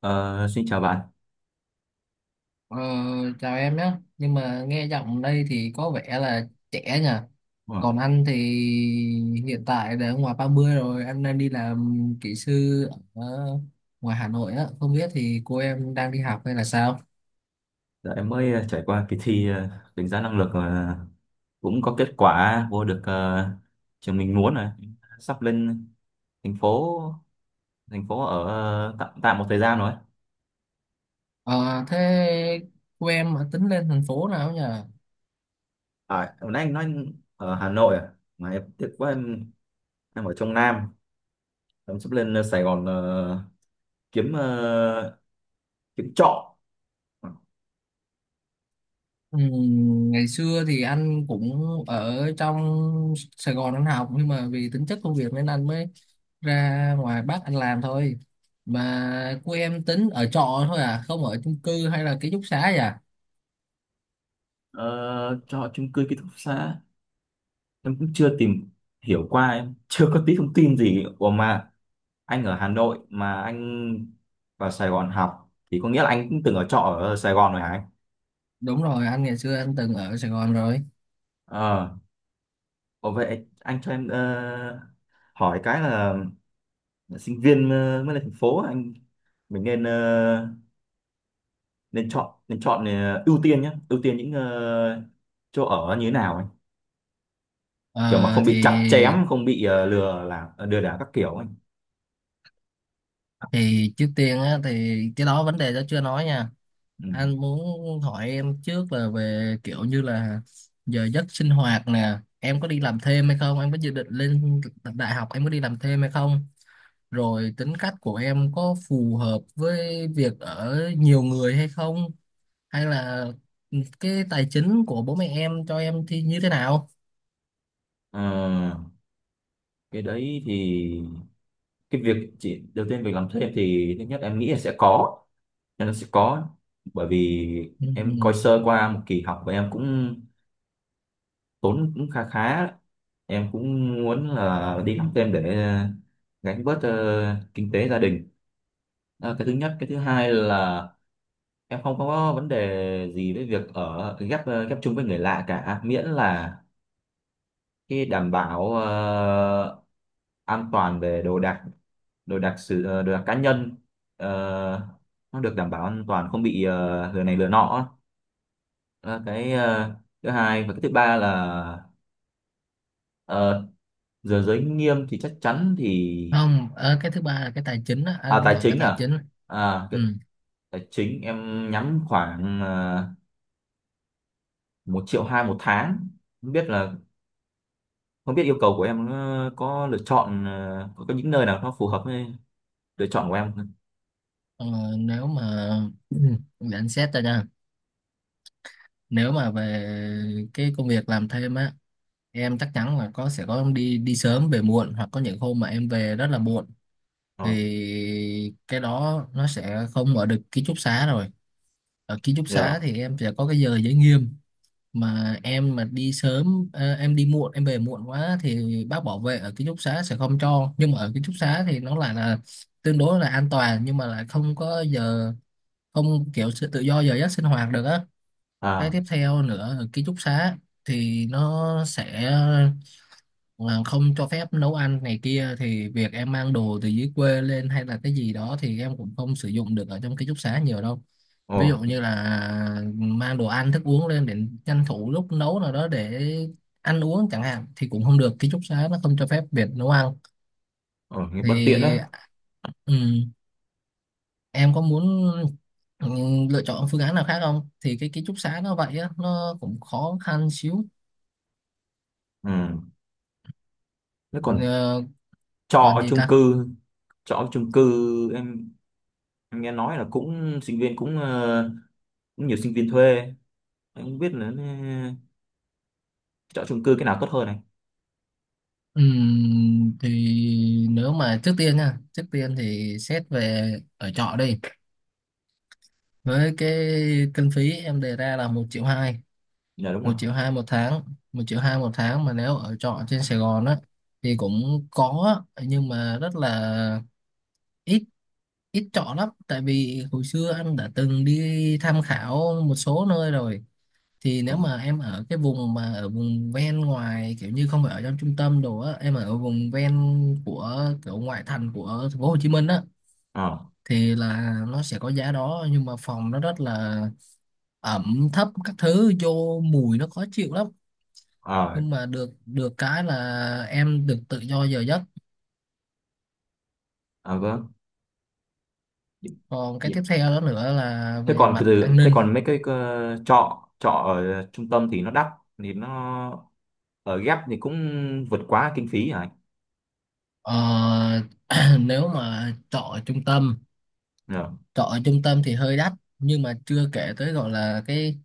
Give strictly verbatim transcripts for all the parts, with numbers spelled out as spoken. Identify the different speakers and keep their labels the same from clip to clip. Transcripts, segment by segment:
Speaker 1: Ờ, Xin chào bạn.
Speaker 2: Ờ, Chào em nhé, nhưng mà nghe giọng đây thì có vẻ là trẻ nhỉ.
Speaker 1: Ờ.
Speaker 2: Còn anh thì hiện tại đã ngoài ba mươi rồi, anh đang đi làm kỹ sư ở ngoài Hà Nội á. Không biết thì cô em đang đi học hay là sao?
Speaker 1: Dạ, em mới ờ, trải qua kỳ thi ờ, đánh giá năng lực, ờ, cũng có kết quả vô được ờ, trường mình muốn rồi. Sắp lên thành phố thành phố ở ờ, tạm tạm một thời gian rồi.
Speaker 2: Ờ, Thế cô em ở, tính lên thành phố nào nhỉ?
Speaker 1: À, hồi nãy anh nói anh ở Hà Nội à? Mà em tiếc quá, em em ở trong Nam. Em sắp lên ờ, Sài Gòn, ờ, kiếm ờ, kiếm trọ.
Speaker 2: Ừm, Ngày xưa thì anh cũng ở trong Sài Gòn anh học, nhưng mà vì tính chất công việc nên anh mới ra ngoài Bắc anh làm thôi. Mà của em tính ở trọ thôi à, không ở chung cư hay là ký túc xá vậy à?
Speaker 1: Ờ, Trọ chung cư, ký túc xá. Em cũng chưa tìm hiểu qua, em chưa có tí thông tin gì. Ủa mà anh ở Hà Nội mà anh vào Sài Gòn học thì có nghĩa là anh cũng từng ở trọ ở Sài Gòn rồi hả anh?
Speaker 2: Đúng rồi, anh ngày xưa anh từng ở Sài Gòn rồi.
Speaker 1: Ờ, Ồ, vậy anh cho em ờ, hỏi cái là sinh viên ờ, mới lên thành phố, anh mình nên ờ, nên chọn nên chọn ờ, ưu tiên nhé, ưu tiên những ờ, chỗ ở như thế nào anh? Kiểu mà
Speaker 2: Ờ,
Speaker 1: không
Speaker 2: thì
Speaker 1: bị chặt chém, không bị ờ, lừa là ờ, lừa đảo các kiểu anh.
Speaker 2: thì trước tiên á, thì cái đó vấn đề đó chưa nói nha,
Speaker 1: Ừ.
Speaker 2: anh muốn hỏi em trước là về kiểu như là giờ giấc sinh hoạt nè, em có đi làm thêm hay không, em có dự định lên đại học em có đi làm thêm hay không, rồi tính cách của em có phù hợp với việc ở nhiều người hay không, hay là cái tài chính của bố mẹ em cho em thì như thế nào.
Speaker 1: Ờ, cái đấy thì cái việc chỉ đầu tiên, việc làm thêm thì thứ nhất em nghĩ là sẽ có, nên nó sẽ có, bởi vì em coi
Speaker 2: Ừ.
Speaker 1: sơ qua một kỳ học và em cũng tốn cũng khá khá đấy. Em cũng muốn là đi học thêm để ờ, gánh bớt ờ, kinh tế gia đình. Đó là cái thứ nhất. Cái thứ hai là em không có vấn đề gì với việc ở ghép, ờ, ghép chung với người lạ cả, miễn là cái đảm bảo ờ, an toàn về đồ đạc đồ đạc sử ờ, Đồ đạc cá nhân ờ, nó được đảm bảo an toàn, không bị ờ, lừa này lừa nọ. Đó, cái ờ, thứ hai, và cái thứ ba là ờ, giờ giới nghiêm thì chắc chắn thì.
Speaker 2: Không, ờ, cái thứ ba là cái tài chính á,
Speaker 1: À,
Speaker 2: anh muốn
Speaker 1: tài
Speaker 2: hỏi cái
Speaker 1: chính
Speaker 2: tài
Speaker 1: à?
Speaker 2: chính.
Speaker 1: à
Speaker 2: Ừ.
Speaker 1: cái- Tài chính em nhắm khoảng uh, một triệu hai một tháng. Không biết là không biết yêu cầu của em ờ, có lựa chọn, ờ, có, có những nơi nào nó phù hợp với lựa chọn của em không?
Speaker 2: ờ, Nếu mà để anh xét ra nha. Nếu mà về cái công việc làm thêm á, em chắc chắn là có, sẽ có đi đi sớm về muộn, hoặc có những hôm mà em về rất là muộn,
Speaker 1: Ờ,
Speaker 2: thì cái đó nó sẽ không ở được ký túc xá rồi. Ở ký túc xá
Speaker 1: giờ.
Speaker 2: thì em sẽ có cái giờ giới nghiêm, mà em mà đi sớm, ờ, em đi muộn em về muộn quá thì bác bảo vệ ở ký túc xá sẽ không cho. Nhưng mà ở ký túc xá thì nó lại là tương đối là an toàn, nhưng mà lại không có giờ, không kiểu sự tự do giờ giấc sinh hoạt được á. Cái
Speaker 1: À,
Speaker 2: tiếp theo nữa, ở ký túc xá thì nó sẽ, mà không cho phép nấu ăn này kia, thì việc em mang đồ từ dưới quê lên hay là cái gì đó thì em cũng không sử dụng được ở trong ký túc xá nhiều đâu.
Speaker 1: ồ,
Speaker 2: Ví dụ như là mang đồ ăn thức uống lên để tranh thủ lúc nấu nào đó để ăn uống chẳng hạn, thì cũng không được, ký túc xá nó không cho phép việc nấu ăn.
Speaker 1: ồ, nghe bất tiện
Speaker 2: Thì
Speaker 1: đấy.
Speaker 2: ừm, em có muốn ừm, lựa chọn phương án nào khác không, thì cái ký túc xá nó vậy á, nó cũng khó khăn xíu.
Speaker 1: Ừ, thế còn
Speaker 2: Ờ,
Speaker 1: trọ
Speaker 2: Còn
Speaker 1: ở
Speaker 2: gì
Speaker 1: chung
Speaker 2: ta.
Speaker 1: cư trọ ở chung cư em, em nghe nói là cũng sinh viên cũng ờ, cũng nhiều sinh viên thuê. Anh không biết là nên chọn chung cư cái nào tốt hơn này.
Speaker 2: Ừm, thì nếu mà trước tiên nha, trước tiên thì xét về ở trọ đi. Với cái kinh phí em đề ra là một triệu hai,
Speaker 1: Dạ, đúng
Speaker 2: một
Speaker 1: không?
Speaker 2: triệu hai một tháng, một triệu hai một tháng mà nếu ở trọ trên Sài Gòn á thì cũng có á, nhưng mà rất là ít ít trọ lắm. Tại vì hồi xưa anh đã từng đi tham khảo một số nơi rồi, thì
Speaker 1: Ừ.
Speaker 2: nếu mà em ở cái vùng mà ở vùng ven ngoài, kiểu như không phải ở trong trung tâm đồ á, em ở vùng ven của kiểu ngoại thành của thành phố Hồ Chí Minh á,
Speaker 1: Ờ.
Speaker 2: thì là nó sẽ có giá đó, nhưng mà phòng nó rất là ẩm thấp, các thứ vô mùi nó khó chịu lắm.
Speaker 1: Ờ.
Speaker 2: Nhưng mà được, được cái là em được tự do giờ giấc.
Speaker 1: À, vâng. Nhịp-
Speaker 2: Còn cái tiếp theo đó nữa là
Speaker 1: thế
Speaker 2: về
Speaker 1: còn
Speaker 2: mặt an
Speaker 1: từ thế
Speaker 2: ninh.
Speaker 1: còn mấy cái ờ, trọ trọ ở trung tâm thì nó đắt, thì nó ở ghép thì cũng vượt quá kinh phí hả anh?
Speaker 2: ờ, Nếu mà trọ ở trung tâm,
Speaker 1: Dạ.
Speaker 2: trọ ở trung tâm thì hơi đắt, nhưng mà chưa kể tới gọi là cái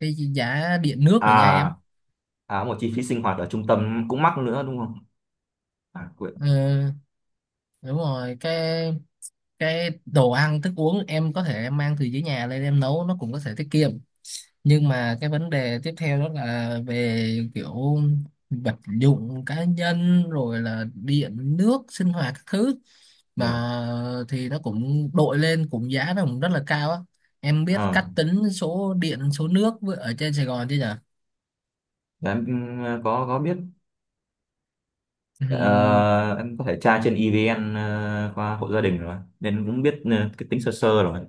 Speaker 2: cái giá điện nước rồi nha em.
Speaker 1: À, à, một chi phí sinh hoạt ở trung tâm cũng mắc nữa đúng không? À, quên.
Speaker 2: Ừ, đúng rồi, cái cái đồ ăn thức uống em có thể em mang từ dưới nhà lên em nấu nó cũng có thể tiết kiệm, nhưng mà cái vấn đề tiếp theo đó là về kiểu vật dụng cá nhân, rồi là điện nước sinh hoạt các thứ,
Speaker 1: Nhờ.
Speaker 2: mà thì nó cũng đội lên, cũng giá nó cũng rất là cao á. Em biết
Speaker 1: ờ
Speaker 2: cách tính số điện số nước với- ở trên Sài Gòn chứ nhở?
Speaker 1: để em. Ừ, có có biết.
Speaker 2: Ừm,
Speaker 1: Ờ, em có thể tra trên e vê en, ờ, qua hộ gia đình rồi nên cũng biết ờ, cái tính sơ sơ rồi.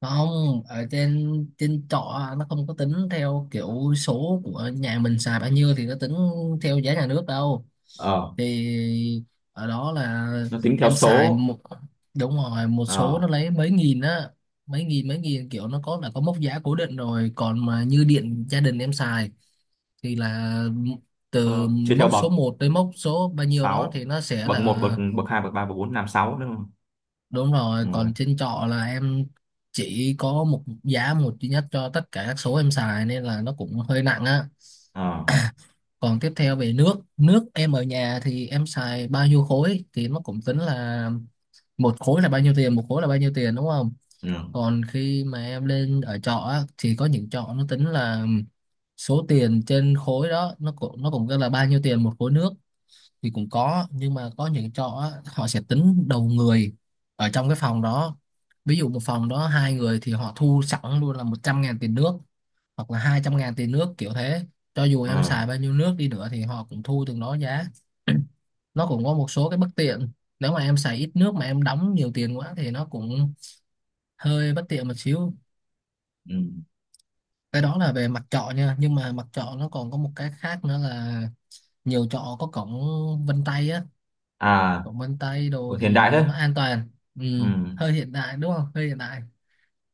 Speaker 2: Không, ở trên trên trọ nó không có tính theo kiểu số của nhà mình xài bao nhiêu thì nó tính theo giá nhà nước đâu.
Speaker 1: ờ
Speaker 2: Thì ở đó là
Speaker 1: nó tính theo
Speaker 2: em xài
Speaker 1: số.
Speaker 2: một, đúng rồi, một số
Speaker 1: ờ
Speaker 2: nó lấy mấy nghìn á, mấy nghìn mấy nghìn, kiểu nó có là có mốc giá cố định rồi. Còn mà như điện gia đình em xài thì là từ
Speaker 1: ờ, Chia theo
Speaker 2: mốc
Speaker 1: bậc
Speaker 2: số một tới mốc số bao nhiêu đó
Speaker 1: sáu:
Speaker 2: thì nó sẽ
Speaker 1: bậc một,
Speaker 2: là.
Speaker 1: bậc bậc hai, bậc ba, bậc bốn, năm, sáu, đúng không?
Speaker 2: Đúng rồi,
Speaker 1: Đúng rồi.
Speaker 2: còn trên trọ là em chỉ có một giá, một duy nhất cho tất cả các số em xài nên là nó cũng hơi nặng á.
Speaker 1: Ờ.
Speaker 2: Còn tiếp theo về nước, nước em ở nhà thì em xài bao nhiêu khối thì nó cũng tính là một khối là bao nhiêu tiền, một khối là bao nhiêu tiền đúng không?
Speaker 1: Ừ.
Speaker 2: Còn khi mà em lên ở trọ á thì có những trọ nó tính là số tiền trên khối đó, nó cũng, nó cũng gọi là bao nhiêu tiền một khối nước thì cũng có. Nhưng mà có những trọ á, họ sẽ tính đầu người ở trong cái phòng đó. Ví dụ một phòng đó hai người thì họ thu sẵn luôn là một trăm ngàn tiền nước, hoặc là hai trăm ngàn tiền nước kiểu thế, cho dù em
Speaker 1: Ờ.
Speaker 2: xài bao nhiêu nước đi nữa thì họ cũng thu từng đó giá. Nó cũng có một số cái bất tiện, nếu mà em xài ít nước mà em đóng nhiều tiền quá thì nó cũng hơi bất tiện một xíu.
Speaker 1: Ừ.
Speaker 2: Cái đó là về mặt trọ nha, nhưng mà mặt trọ nó còn có một cái khác nữa là nhiều trọ có cổng vân tay á.
Speaker 1: À.
Speaker 2: Cổng vân tay
Speaker 1: Ủa,
Speaker 2: đồ
Speaker 1: hiện đại
Speaker 2: thì
Speaker 1: thế.
Speaker 2: nó an toàn. Ừ,
Speaker 1: Ừ.
Speaker 2: hơi hiện đại đúng không, hơi hiện đại.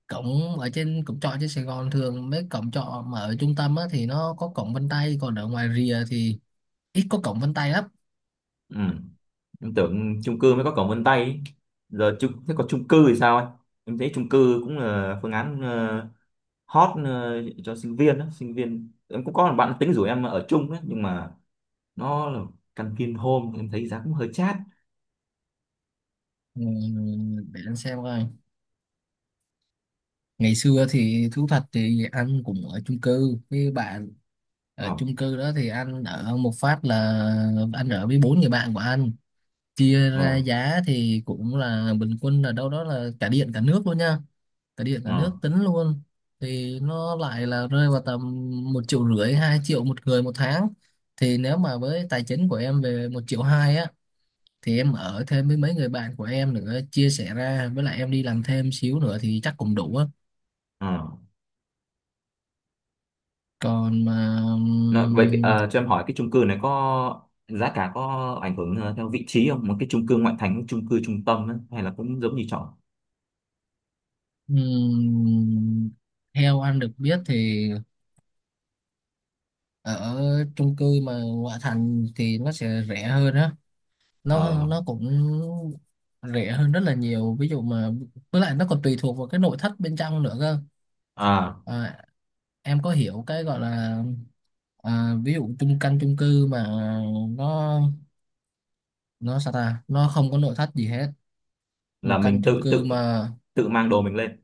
Speaker 2: Cổng, ở trên cổng trọ trên Sài Gòn, thường mấy cổng trọ mà ở trung tâm á, thì nó có cổng vân tay, còn ở ngoài rìa thì ít có cổng vân tay lắm.
Speaker 1: Ừ. Em tưởng chung cư mới có cổng vân tay ý. Giờ chung Thế còn chung cư thì sao anh? Em thấy chung cư cũng là phương án ờ, hot, ờ, cho sinh viên đó. Sinh viên em cũng có một bạn tính rủ em ở chung đấy, nhưng mà nó là căn Vinhome, em thấy giá cũng hơi chát.
Speaker 2: Ừ, để anh xem coi. Ngày xưa thì thú thật thì anh cũng ở chung cư với bạn. Ở
Speaker 1: Ờ.
Speaker 2: chung cư đó thì anh ở một phát là anh ở với bốn người bạn của anh, chia
Speaker 1: Ờ.
Speaker 2: ra giá thì cũng là bình quân là đâu đó là, cả điện cả nước luôn nha, cả điện cả
Speaker 1: Ờ.
Speaker 2: nước tính luôn, thì nó lại là rơi vào tầm một triệu rưỡi hai triệu một người một tháng. Thì nếu mà với tài chính của em về một triệu hai á, thì em ở thêm với mấy người bạn của em nữa, chia sẻ ra với lại em đi làm thêm xíu nữa thì chắc cũng đủ á.
Speaker 1: Ờ.
Speaker 2: Còn mà
Speaker 1: Nó, vậy ờ, cho em hỏi cái chung cư này có giá cả, có ảnh hưởng ờ, theo vị trí không? Một cái chung cư ngoại thành, chung cư trung tâm ấy, hay là cũng giống như trọ?
Speaker 2: ừm, theo anh được biết thì ở chung cư mà ngoại thành thì nó sẽ rẻ hơn á. nó
Speaker 1: Ờ.
Speaker 2: nó cũng rẻ hơn rất là nhiều, ví dụ mà, với lại nó còn tùy thuộc vào cái nội thất bên trong nữa cơ.
Speaker 1: À,
Speaker 2: À, em có hiểu cái gọi là, à, ví dụ chung căn chung cư mà nó nó sao ta, nó không có nội thất gì hết, một
Speaker 1: là
Speaker 2: căn
Speaker 1: mình
Speaker 2: chung
Speaker 1: tự
Speaker 2: cư
Speaker 1: tự
Speaker 2: mà.
Speaker 1: tự mang đồ mình lên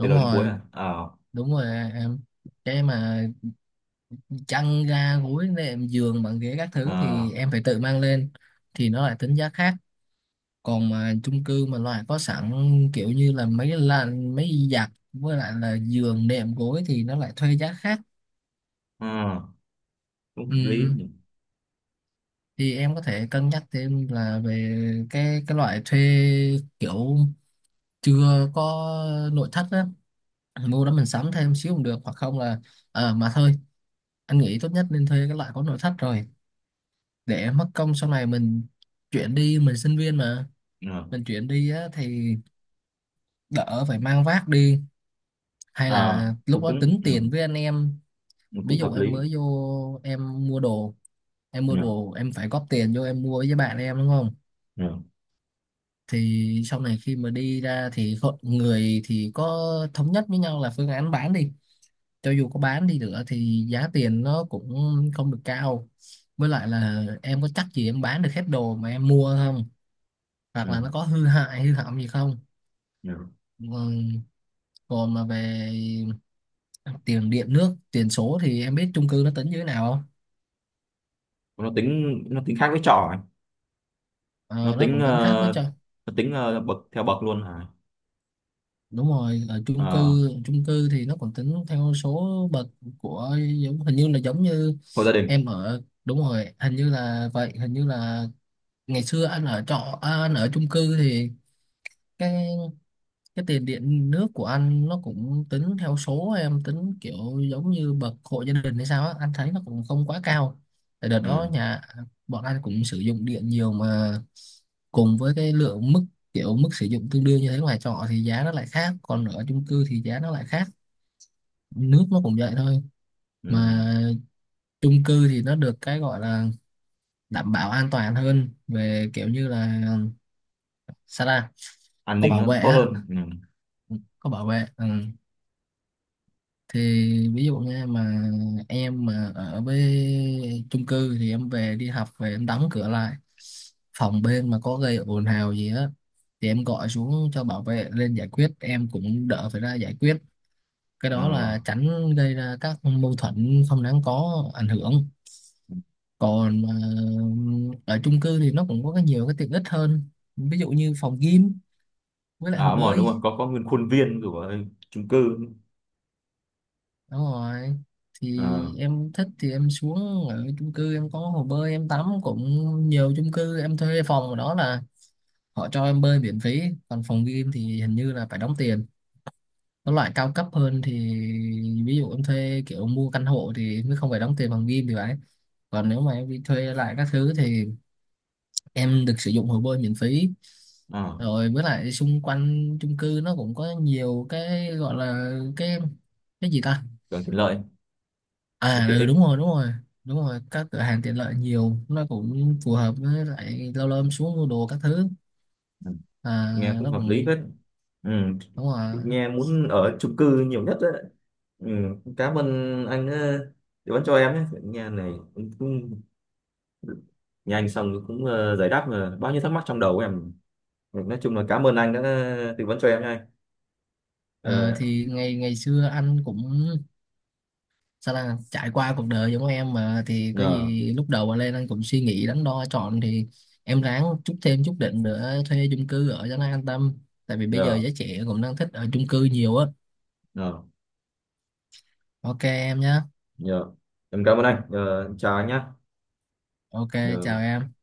Speaker 1: từ đầu đến cuối
Speaker 2: rồi,
Speaker 1: à? Ờ.
Speaker 2: đúng rồi em, cái mà chăn ga gối nệm giường bàn ghế các
Speaker 1: Ờ.
Speaker 2: thứ thì em phải tự mang lên, thì nó lại tính giá khác. Còn mà chung cư mà loại có sẵn, kiểu như là mấy là mấy giặt với lại là giường đệm gối thì nó lại thuê giá khác.
Speaker 1: Ờ. Cũng hợp lý
Speaker 2: Ừ.
Speaker 1: nhỉ.
Speaker 2: Thì em có thể cân nhắc thêm là về cái cái loại thuê kiểu chưa có nội thất á, mua đó mình sắm thêm xíu cũng được. Hoặc không là, ờ mà thôi, anh nghĩ tốt nhất nên thuê cái loại có nội thất rồi, để mất công sau này mình chuyển đi, mình sinh viên mà,
Speaker 1: Ờ.
Speaker 2: mình chuyển đi á thì đỡ phải mang vác đi hay
Speaker 1: Ờ.
Speaker 2: là lúc
Speaker 1: cũng
Speaker 2: đó tính
Speaker 1: cũng
Speaker 2: tiền với anh em.
Speaker 1: Ừ,
Speaker 2: Ví
Speaker 1: cũng hợp
Speaker 2: dụ
Speaker 1: lý.
Speaker 2: em mới vô em mua đồ, em mua
Speaker 1: Nhỉ,
Speaker 2: đồ em phải góp tiền vô em mua với bạn em đúng không?
Speaker 1: nhỉ,
Speaker 2: Thì sau này khi mà đi ra thì hội- người thì có thống nhất với nhau là phương án bán đi, cho dù có bán đi nữa thì giá tiền nó cũng không được cao, với lại là em có chắc gì em bán được hết đồ mà em mua không, hoặc
Speaker 1: nhỉ,
Speaker 2: là nó có hư hại hư hỏng gì không.
Speaker 1: nhỉ.
Speaker 2: Ừm, Còn mà về tiền điện nước tiền số thì em biết chung cư nó tính như thế nào không?
Speaker 1: Nó tính nó tính khác với trọ à?
Speaker 2: Ờ,
Speaker 1: nó
Speaker 2: nó
Speaker 1: tính
Speaker 2: cũng
Speaker 1: ờ,
Speaker 2: tính khác với cho.
Speaker 1: nó tính ờ, bậc theo bậc luôn à?
Speaker 2: Đúng rồi, ở chung
Speaker 1: Ờ,
Speaker 2: cư, chung cư thì nó còn tính theo số bậc của, giống hình như là giống như
Speaker 1: hộ gia đình.
Speaker 2: em ở, đúng rồi hình như là vậy, hình như là ngày xưa anh ở trọ, à, anh ở chung cư thì cái cái tiền điện nước của anh nó cũng tính theo số, em tính kiểu giống như bậc hộ gia đình hay sao á, anh thấy nó cũng không quá cao. Tại đợt
Speaker 1: Ừ,
Speaker 2: đó nhà bọn anh cũng sử dụng điện nhiều mà, cùng với cái lượng mức, kiểu mức sử dụng tương đương như thế, ngoài trọ thì giá nó lại khác, còn ở chung cư thì giá nó lại khác. Nước nó cũng vậy thôi.
Speaker 1: ừ.
Speaker 2: Mà chung cư thì nó được cái gọi là đảm bảo an toàn hơn về kiểu như là, sao ta,
Speaker 1: An
Speaker 2: có
Speaker 1: ninh
Speaker 2: bảo
Speaker 1: nó
Speaker 2: vệ
Speaker 1: tốt
Speaker 2: á,
Speaker 1: hơn. Ừ.
Speaker 2: có bảo vệ. Ừ. Thì ví dụ nha, mà em mà ở với chung cư thì em về đi học về em đóng cửa lại, phòng bên mà có gây ồn ào gì á thì em gọi xuống cho bảo vệ lên giải quyết, em cũng đỡ phải ra giải quyết. Cái đó
Speaker 1: Ờ.
Speaker 2: là tránh gây ra các mâu thuẫn không đáng có ảnh hưởng. Còn mà ở chung cư thì nó cũng có cái, nhiều cái tiện ích hơn, ví dụ như phòng gym với lại
Speaker 1: À,
Speaker 2: hồ
Speaker 1: đúng rồi, đúng
Speaker 2: bơi.
Speaker 1: rồi, có có nguyên khuôn viên của chung cư.
Speaker 2: Đúng rồi,
Speaker 1: Ờ.
Speaker 2: thì em thích thì em xuống, ở chung cư em có hồ bơi em tắm cũng, nhiều chung cư em thuê phòng ở đó là họ cho em bơi miễn phí. Còn phòng game thì hình như là phải đóng tiền, có loại cao cấp hơn thì, ví dụ em thuê kiểu mua căn hộ thì mới không phải đóng tiền phòng game thì phải. Còn nếu mà em đi thuê lại các thứ thì em được sử dụng hồ bơi miễn phí.
Speaker 1: Ờ.
Speaker 2: Rồi với lại xung quanh chung cư nó cũng có nhiều cái gọi là cái cái gì ta.
Speaker 1: Càng tiện lợi. Cái
Speaker 2: À
Speaker 1: tiện
Speaker 2: ừ,
Speaker 1: ích.
Speaker 2: đúng rồi, đúng rồi, đúng rồi, các cửa hàng tiện lợi nhiều, nó cũng phù hợp với lại lâu lâu em xuống mua đồ các thứ.
Speaker 1: Ừ.
Speaker 2: À,
Speaker 1: Nghe cũng
Speaker 2: nó
Speaker 1: hợp lý
Speaker 2: cũng,
Speaker 1: hết. Ừ.
Speaker 2: đúng rồi.
Speaker 1: Nghe muốn ở chung cư nhiều nhất đấy. Ừ. Cảm ơn anh đã tư vấn cho em nhé, nghe này cũng, cũng, nghe anh xong cũng ờ, giải đáp ờ, bao nhiêu thắc mắc trong đầu của em. Ừ, nói chung là cảm ơn anh đã tư vấn cho em nha.
Speaker 2: Ờ,
Speaker 1: ờ
Speaker 2: thì ngày ngày xưa anh cũng, sao là, trải qua cuộc đời giống em mà, thì có
Speaker 1: Nhờ,
Speaker 2: gì lúc đầu mà lên anh cũng suy nghĩ đắn đo chọn, thì em ráng chút, thêm chút đỉnh nữa thuê chung cư ở cho nó an tâm, tại vì bây giờ
Speaker 1: nhờ,
Speaker 2: giới trẻ cũng đang thích ở chung cư nhiều á.
Speaker 1: nhờ,
Speaker 2: OK em nhé.
Speaker 1: nhờ. Em cảm ơn anh. Ờ, Chào anh nhé.
Speaker 2: OK, chào
Speaker 1: Ờ.
Speaker 2: em.